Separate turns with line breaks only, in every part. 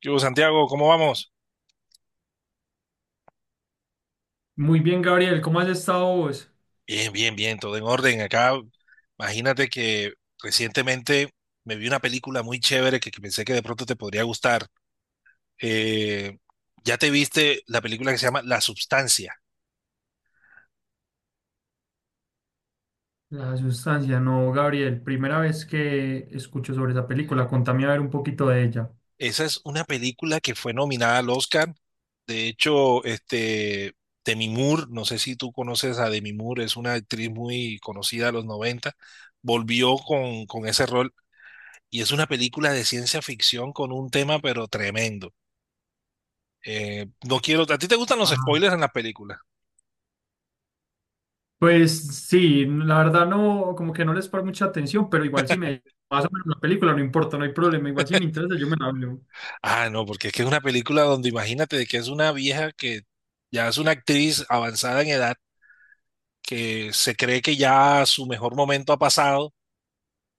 ¿Qué hubo, Santiago? ¿Cómo vamos?
Muy bien, Gabriel, ¿cómo has estado vos?
Bien, bien, bien, todo en orden. Acá, imagínate que recientemente me vi una película muy chévere que pensé que de pronto te podría gustar. Eh, ya te viste la película que se llama La Substancia.
La sustancia, no, Gabriel, primera vez que escucho sobre esa película, contame a ver un poquito de ella.
Esa es una película que fue nominada al Oscar. De hecho, Demi Moore, no sé si tú conoces a Demi Moore, es una actriz muy conocida de los 90. Volvió con ese rol y es una película de ciencia ficción con un tema pero tremendo. No quiero. ¿A ti te gustan los
Ajá.
spoilers en las películas?
Pues sí, la verdad no, como que no les paro mucha atención, pero igual si me más o menos la película, no importa, no hay problema, igual si me interesa yo me la veo.
Ah, no, porque es que es una película donde imagínate de que es una vieja que ya es una actriz avanzada en edad, que se cree que ya su mejor momento ha pasado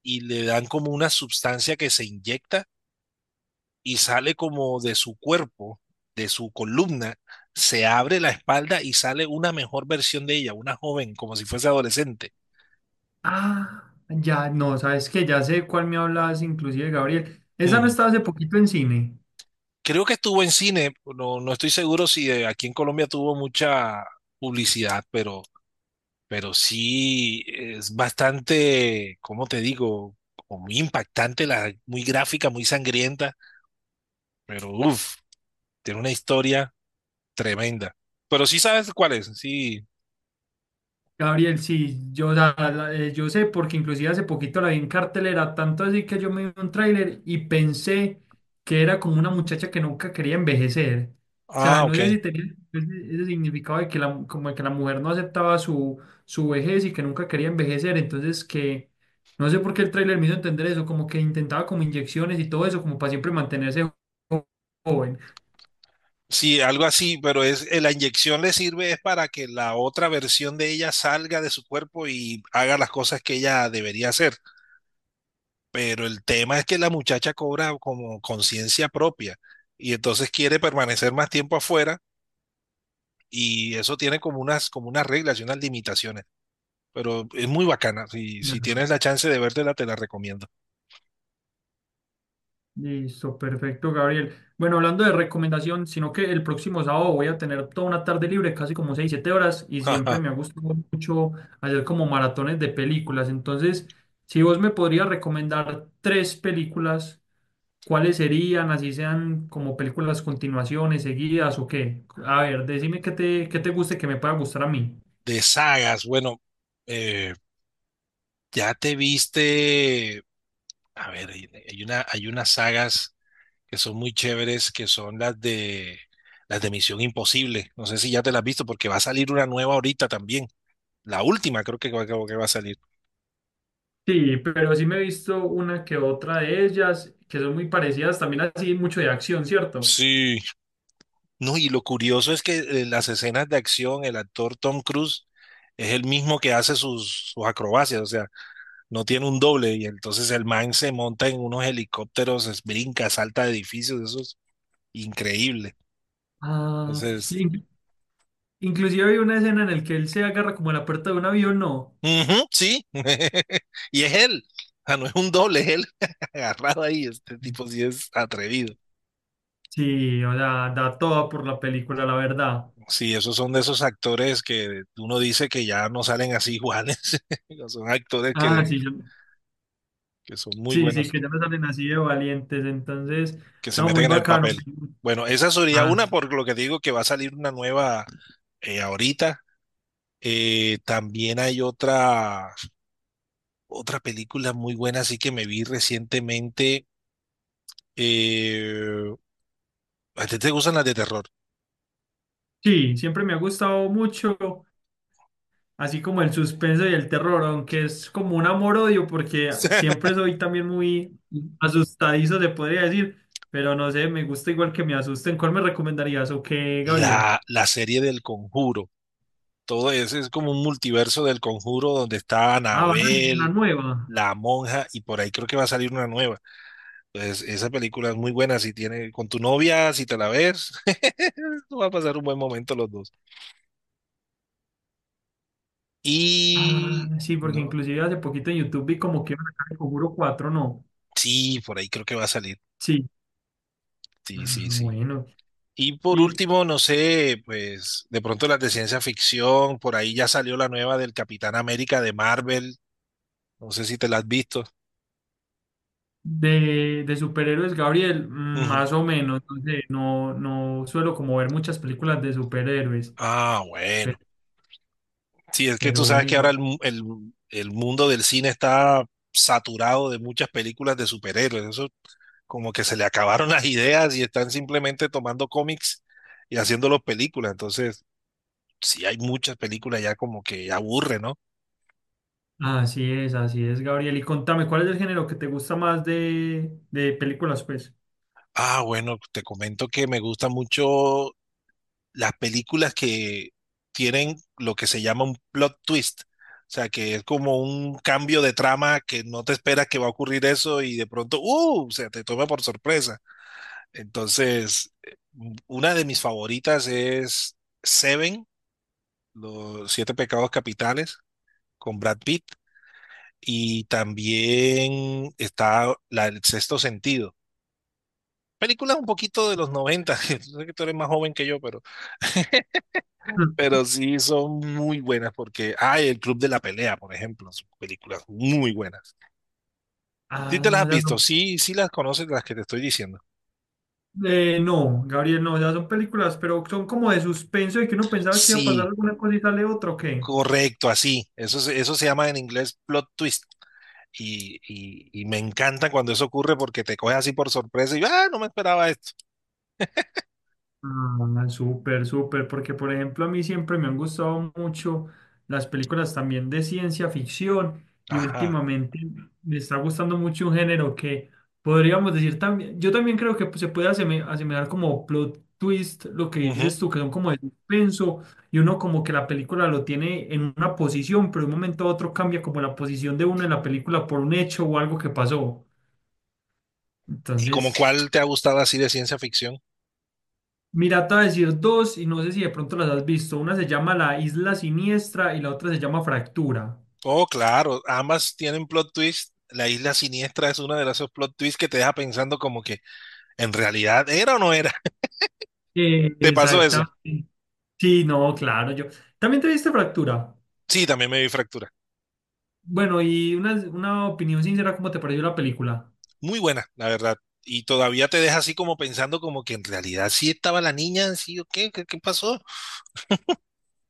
y le dan como una sustancia que se inyecta y sale como de su cuerpo, de su columna, se abre la espalda y sale una mejor versión de ella, una joven, como si fuese adolescente.
Ah, ya, no, sabes que ya sé cuál me hablas, inclusive, Gabriel. Esa no estaba hace poquito en cine.
Creo que estuvo en cine, no, no estoy seguro si aquí en Colombia tuvo mucha publicidad, pero sí es bastante, ¿cómo te digo? Como muy impactante, la, muy gráfica, muy sangrienta, pero uff, tiene una historia tremenda. Pero sí sabes cuál es, sí.
Gabriel, sí, yo sé porque inclusive hace poquito la vi en cartelera, tanto así que yo me vi un tráiler y pensé que era como una muchacha que nunca quería envejecer. O sea,
Ah,
no sé
ok.
si tenía ese, ese significado de que como de que la mujer no aceptaba su, su vejez y que nunca quería envejecer. Entonces que no sé por qué el tráiler me hizo entender eso, como que intentaba como inyecciones y todo eso, como para siempre mantenerse jo- joven.
Sí, algo así, pero es la inyección le sirve es para que la otra versión de ella salga de su cuerpo y haga las cosas que ella debería hacer. Pero el tema es que la muchacha cobra como conciencia propia y entonces quiere permanecer más tiempo afuera y eso tiene como unas reglas y unas limitaciones. Pero es muy bacana. Si, si tienes la chance de vértela, te la recomiendo.
Listo, perfecto, Gabriel. Bueno, hablando de recomendación, sino que el próximo sábado voy a tener toda una tarde libre, casi como 6 7 horas, y siempre me ha gustado mucho hacer como maratones de películas. Entonces, si vos me podrías recomendar tres películas, ¿cuáles serían? Así sean como películas continuaciones, seguidas o qué. A ver, decime qué te guste, que me pueda gustar a mí.
De sagas, bueno, eh, ya te viste. A ver, hay una, hay unas sagas que son muy chéveres, que son las de Misión Imposible. No sé si ya te las has visto, porque va a salir una nueva ahorita también. La última creo que va a salir.
Sí, pero sí me he visto una que otra de ellas, que son muy parecidas, también así mucho de acción, ¿cierto?
Sí, no, y lo curioso es que en las escenas de acción, el actor Tom Cruise es el mismo que hace sus acrobacias, o sea, no tiene un doble, y entonces el man se monta en unos helicópteros, brinca, salta de edificios, eso es increíble.
Ah,
Entonces,
sí. Inclusive hay una escena en la que él se agarra como a la puerta de un avión, ¿no?
ujú, sí, y es él, o sea, no es un doble, es él agarrado ahí, este tipo sí es atrevido.
Sí, o sea, da toda por la película, la verdad.
Sí, esos son de esos actores que uno dice que ya no salen así iguales, son actores
Ah, sí,
que son muy
sí, sí,
buenos.
que ya no salen así de valientes, entonces,
Que se
no,
meten
muy
en el
bacano.
papel. Bueno, esa sería
Ah,
una, por lo que digo que va a salir una nueva ahorita. También hay otra película muy buena, así que me vi recientemente. eh, ¿A ti te gustan las de terror?
sí, siempre me ha gustado mucho, así como el suspenso y el terror, aunque es como un amor-odio, porque siempre soy también muy asustadizo, se podría decir, pero no sé, me gusta igual que me asusten. ¿Cuál me recomendarías o qué, Gabriel?
La serie del Conjuro. Todo eso es como un multiverso del Conjuro donde está
Ah, vas a ver una
Anabel,
nueva.
la monja, y por ahí creo que va a salir una nueva. Pues esa película es muy buena si tiene con tu novia, si te la ves, va a pasar un buen momento los dos.
Ah,
Y
sí, porque
no,
inclusive hace poquito en YouTube vi como que iban a sacar el Conjuro 4, ¿no?
sí, por ahí creo que va a salir.
Sí.
Sí,
Ah,
sí, sí.
bueno.
Y por
Y
último, no sé, pues de pronto las de ciencia ficción, por ahí ya salió la nueva del Capitán América de Marvel, no sé si te la has visto.
de superhéroes, Gabriel,
Ujú.
más o menos, no sé, no, no suelo como ver muchas películas de superhéroes,
Ah,
pero,
bueno. Sí, es que
pero
tú sabes
bueno,
que ahora
igual.
el mundo del cine está saturado de muchas películas de superhéroes. Eso como que se le acabaron las ideas y están simplemente tomando cómics y haciéndolos películas. Entonces, sí hay muchas películas ya como que aburre, ¿no?
Así es, Gabriel. Y contame, ¿cuál es el género que te gusta más de películas, pues?
Ah, bueno, te comento que me gustan mucho las películas que tienen lo que se llama un plot twist. O sea, que es como un cambio de trama que no te esperas que va a ocurrir eso y de pronto, ¡uh! O sea, te toma por sorpresa. Entonces, una de mis favoritas es Seven, los siete pecados capitales. Con Brad Pitt. Y también está la, El Sexto Sentido. Películas un poquito de los 90. Sé que tú eres más joven que yo,
Mm.
pero sí son muy buenas porque, hay El Club de la Pelea, por ejemplo, son películas muy buenas. ¿Sí te
Ah,
las
o
has
sea,
visto?
son-
Sí, sí las conoces las que te estoy diciendo.
no, Gabriel, no, ya son películas, pero son como de suspenso y que uno pensaba que iba a pasar
Sí,
alguna cosa y sale otra, ¿o qué?
correcto, así. Eso, eso se llama en inglés plot twist. Y me encanta cuando eso ocurre porque te coge así por sorpresa y, ah, no me esperaba esto.
Ah, súper, súper, porque por ejemplo a mí siempre me han gustado mucho las películas también de ciencia ficción y
Ajá.
últimamente me está gustando mucho un género que podríamos decir también, yo también creo que pues, se puede asemejar como plot twist, lo que dices
Ujú.
tú, que son como de suspenso y uno como que la película lo tiene en una posición, pero de un momento a otro cambia como la posición de uno en la película por un hecho o algo que pasó.
¿Y como
Entonces...
cuál te ha gustado así de ciencia ficción?
Mira, te voy a decir dos y no sé si de pronto las has visto. Una se llama La Isla Siniestra y la otra se llama Fractura.
Oh, claro, ambas tienen plot twist. La isla siniestra es una de esos plot twists que te deja pensando como que en realidad era o no era. ¿Te pasó eso?
Exactamente. Sí, no, claro, yo. ¿También te viste Fractura?
Sí, también me vi Fractura.
Bueno, y una opinión sincera, ¿cómo te pareció la película?
Muy buena, la verdad. Y todavía te deja así como pensando como que en realidad sí estaba la niña, sí o qué pasó.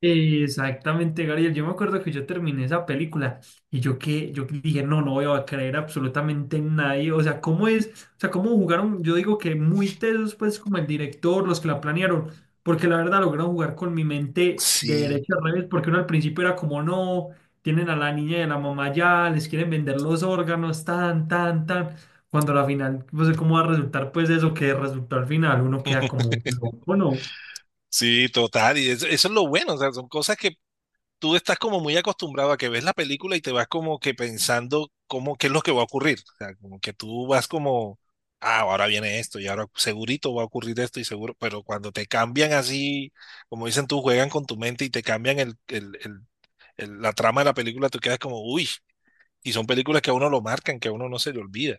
Exactamente, Gabriel. Yo me acuerdo que yo terminé esa película y yo que yo dije, no, no voy a creer absolutamente en nadie. O sea, ¿cómo es? O sea, ¿cómo jugaron? Yo digo que muy tesos, pues, como el director, los que la planearon, porque la verdad lograron jugar con mi mente de
Sí,
derecha a revés, porque uno al principio era como, no, tienen a la niña y a la mamá ya, les quieren vender los órganos, tan, tan, tan. Cuando a la final, no sé cómo va a resultar, pues, eso que resultó al final, uno queda como, loco, ¿no?
sí, total. Y eso es lo bueno, o sea, son cosas que tú estás como muy acostumbrado a que ves la película y te vas como que pensando cómo, qué es lo que va a ocurrir. O sea, como que tú vas como, ah, ahora viene esto y ahora segurito va a ocurrir esto y seguro, pero cuando te cambian así, como dicen tú, juegan con tu mente y te cambian la trama de la película, tú quedas como, uy, y son películas que a uno lo marcan, que a uno no se le olvida.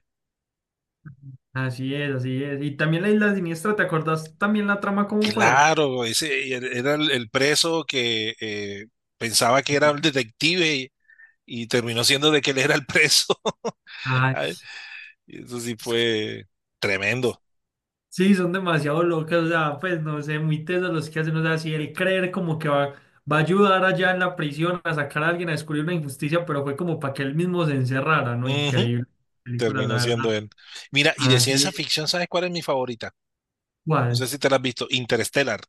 Así es, así es. Y también la Isla Siniestra, ¿te acordás también la trama cómo fue?
Claro, ese era el preso que pensaba que era
Sí.
el detective y terminó siendo de que él era el preso.
Ay,
Y eso sí
es que-
fue tremendo.
sí, son demasiado locas, o sea, pues no sé, muy tesos los que hacen, o sea, si el creer como que va, va a ayudar allá en la prisión a sacar a alguien a descubrir una injusticia, pero fue como para que él mismo se encerrara, ¿no?
Ujú,
Increíble película, la
terminó
verdad.
siendo él. Mira, y de
Así
ciencia
es.
ficción, ¿sabes cuál es mi favorita? No sé
¿Cuál?
si te la has visto. Interstellar.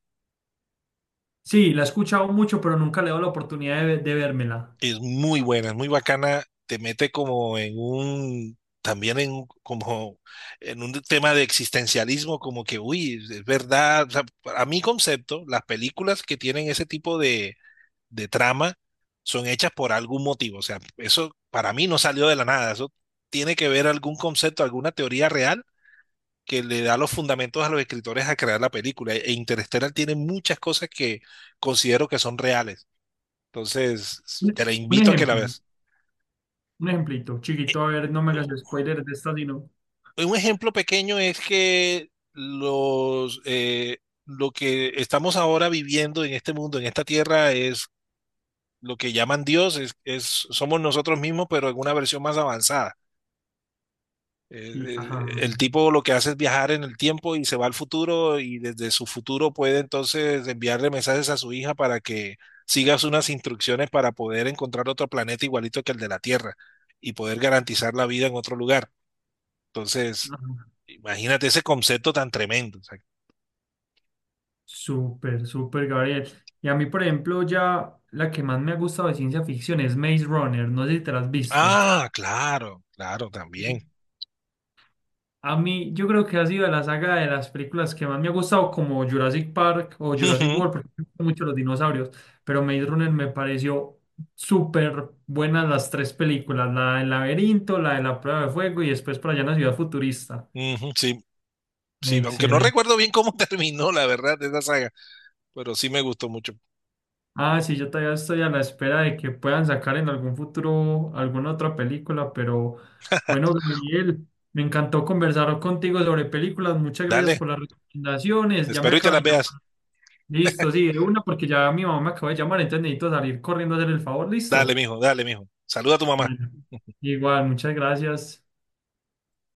Sí, la he escuchado mucho, pero nunca le he dado la oportunidad de, de vérmela.
Es muy buena, es muy bacana. Te mete como en un, también en como en un tema de existencialismo, como que, uy, es verdad. O sea, a mi concepto, las películas que tienen ese tipo de trama son hechas por algún motivo. O sea, eso para mí no salió de la nada. Eso tiene que ver algún concepto, alguna teoría real que le da los fundamentos a los escritores a crear la película. E Interstellar tiene muchas cosas que considero que son reales. Entonces,
Un,
te la
un
invito a que la
ejemplo,
veas.
un ejemplito, chiquito, a ver, no me hagas spoiler de esta, sino.
Un ejemplo pequeño es que los, lo que estamos ahora viviendo en este mundo, en esta tierra, es lo que llaman Dios, es, somos nosotros mismos, pero en una versión más avanzada.
Sí, ajá.
El tipo lo que hace es viajar en el tiempo y se va al futuro y desde su futuro puede entonces enviarle mensajes a su hija para que sigas unas instrucciones para poder encontrar otro planeta igualito que el de la Tierra y poder garantizar la vida en otro lugar. Entonces,
Ajá.
imagínate ese concepto tan tremendo. O sea,
Súper, súper, Gabriel. Y a mí, por ejemplo, ya la que más me ha gustado de ciencia ficción es Maze Runner. No sé si te la has visto.
ah, claro, claro, también.
A mí, yo creo que ha sido de la saga de las películas que más me ha gustado, como Jurassic Park o Jurassic
Ujú,
World, porque me gustan mucho los dinosaurios. Pero Maze Runner me pareció súper buenas las tres películas: la del laberinto, la de la prueba de fuego y después para allá en la ciudad futurista.
ujú, sí, sí, aunque no
Excelente.
recuerdo bien cómo terminó, la verdad, de esa saga, pero sí me gustó mucho.
Ah, sí, yo todavía estoy a la espera de que puedan sacar en algún futuro alguna otra película, pero bueno, Gabriel, me encantó conversar contigo sobre películas. Muchas gracias
Dale,
por las recomendaciones. Ya me
espero y te
acaba
las
de llamar.
veas.
Listo, sí, de una porque ya mi mamá me acaba de llamar, entonces necesito salir corriendo a hacer el favor.
Dale,
Listo.
mijo, dale, mijo. Saluda a tu mamá.
Bueno, igual, muchas gracias.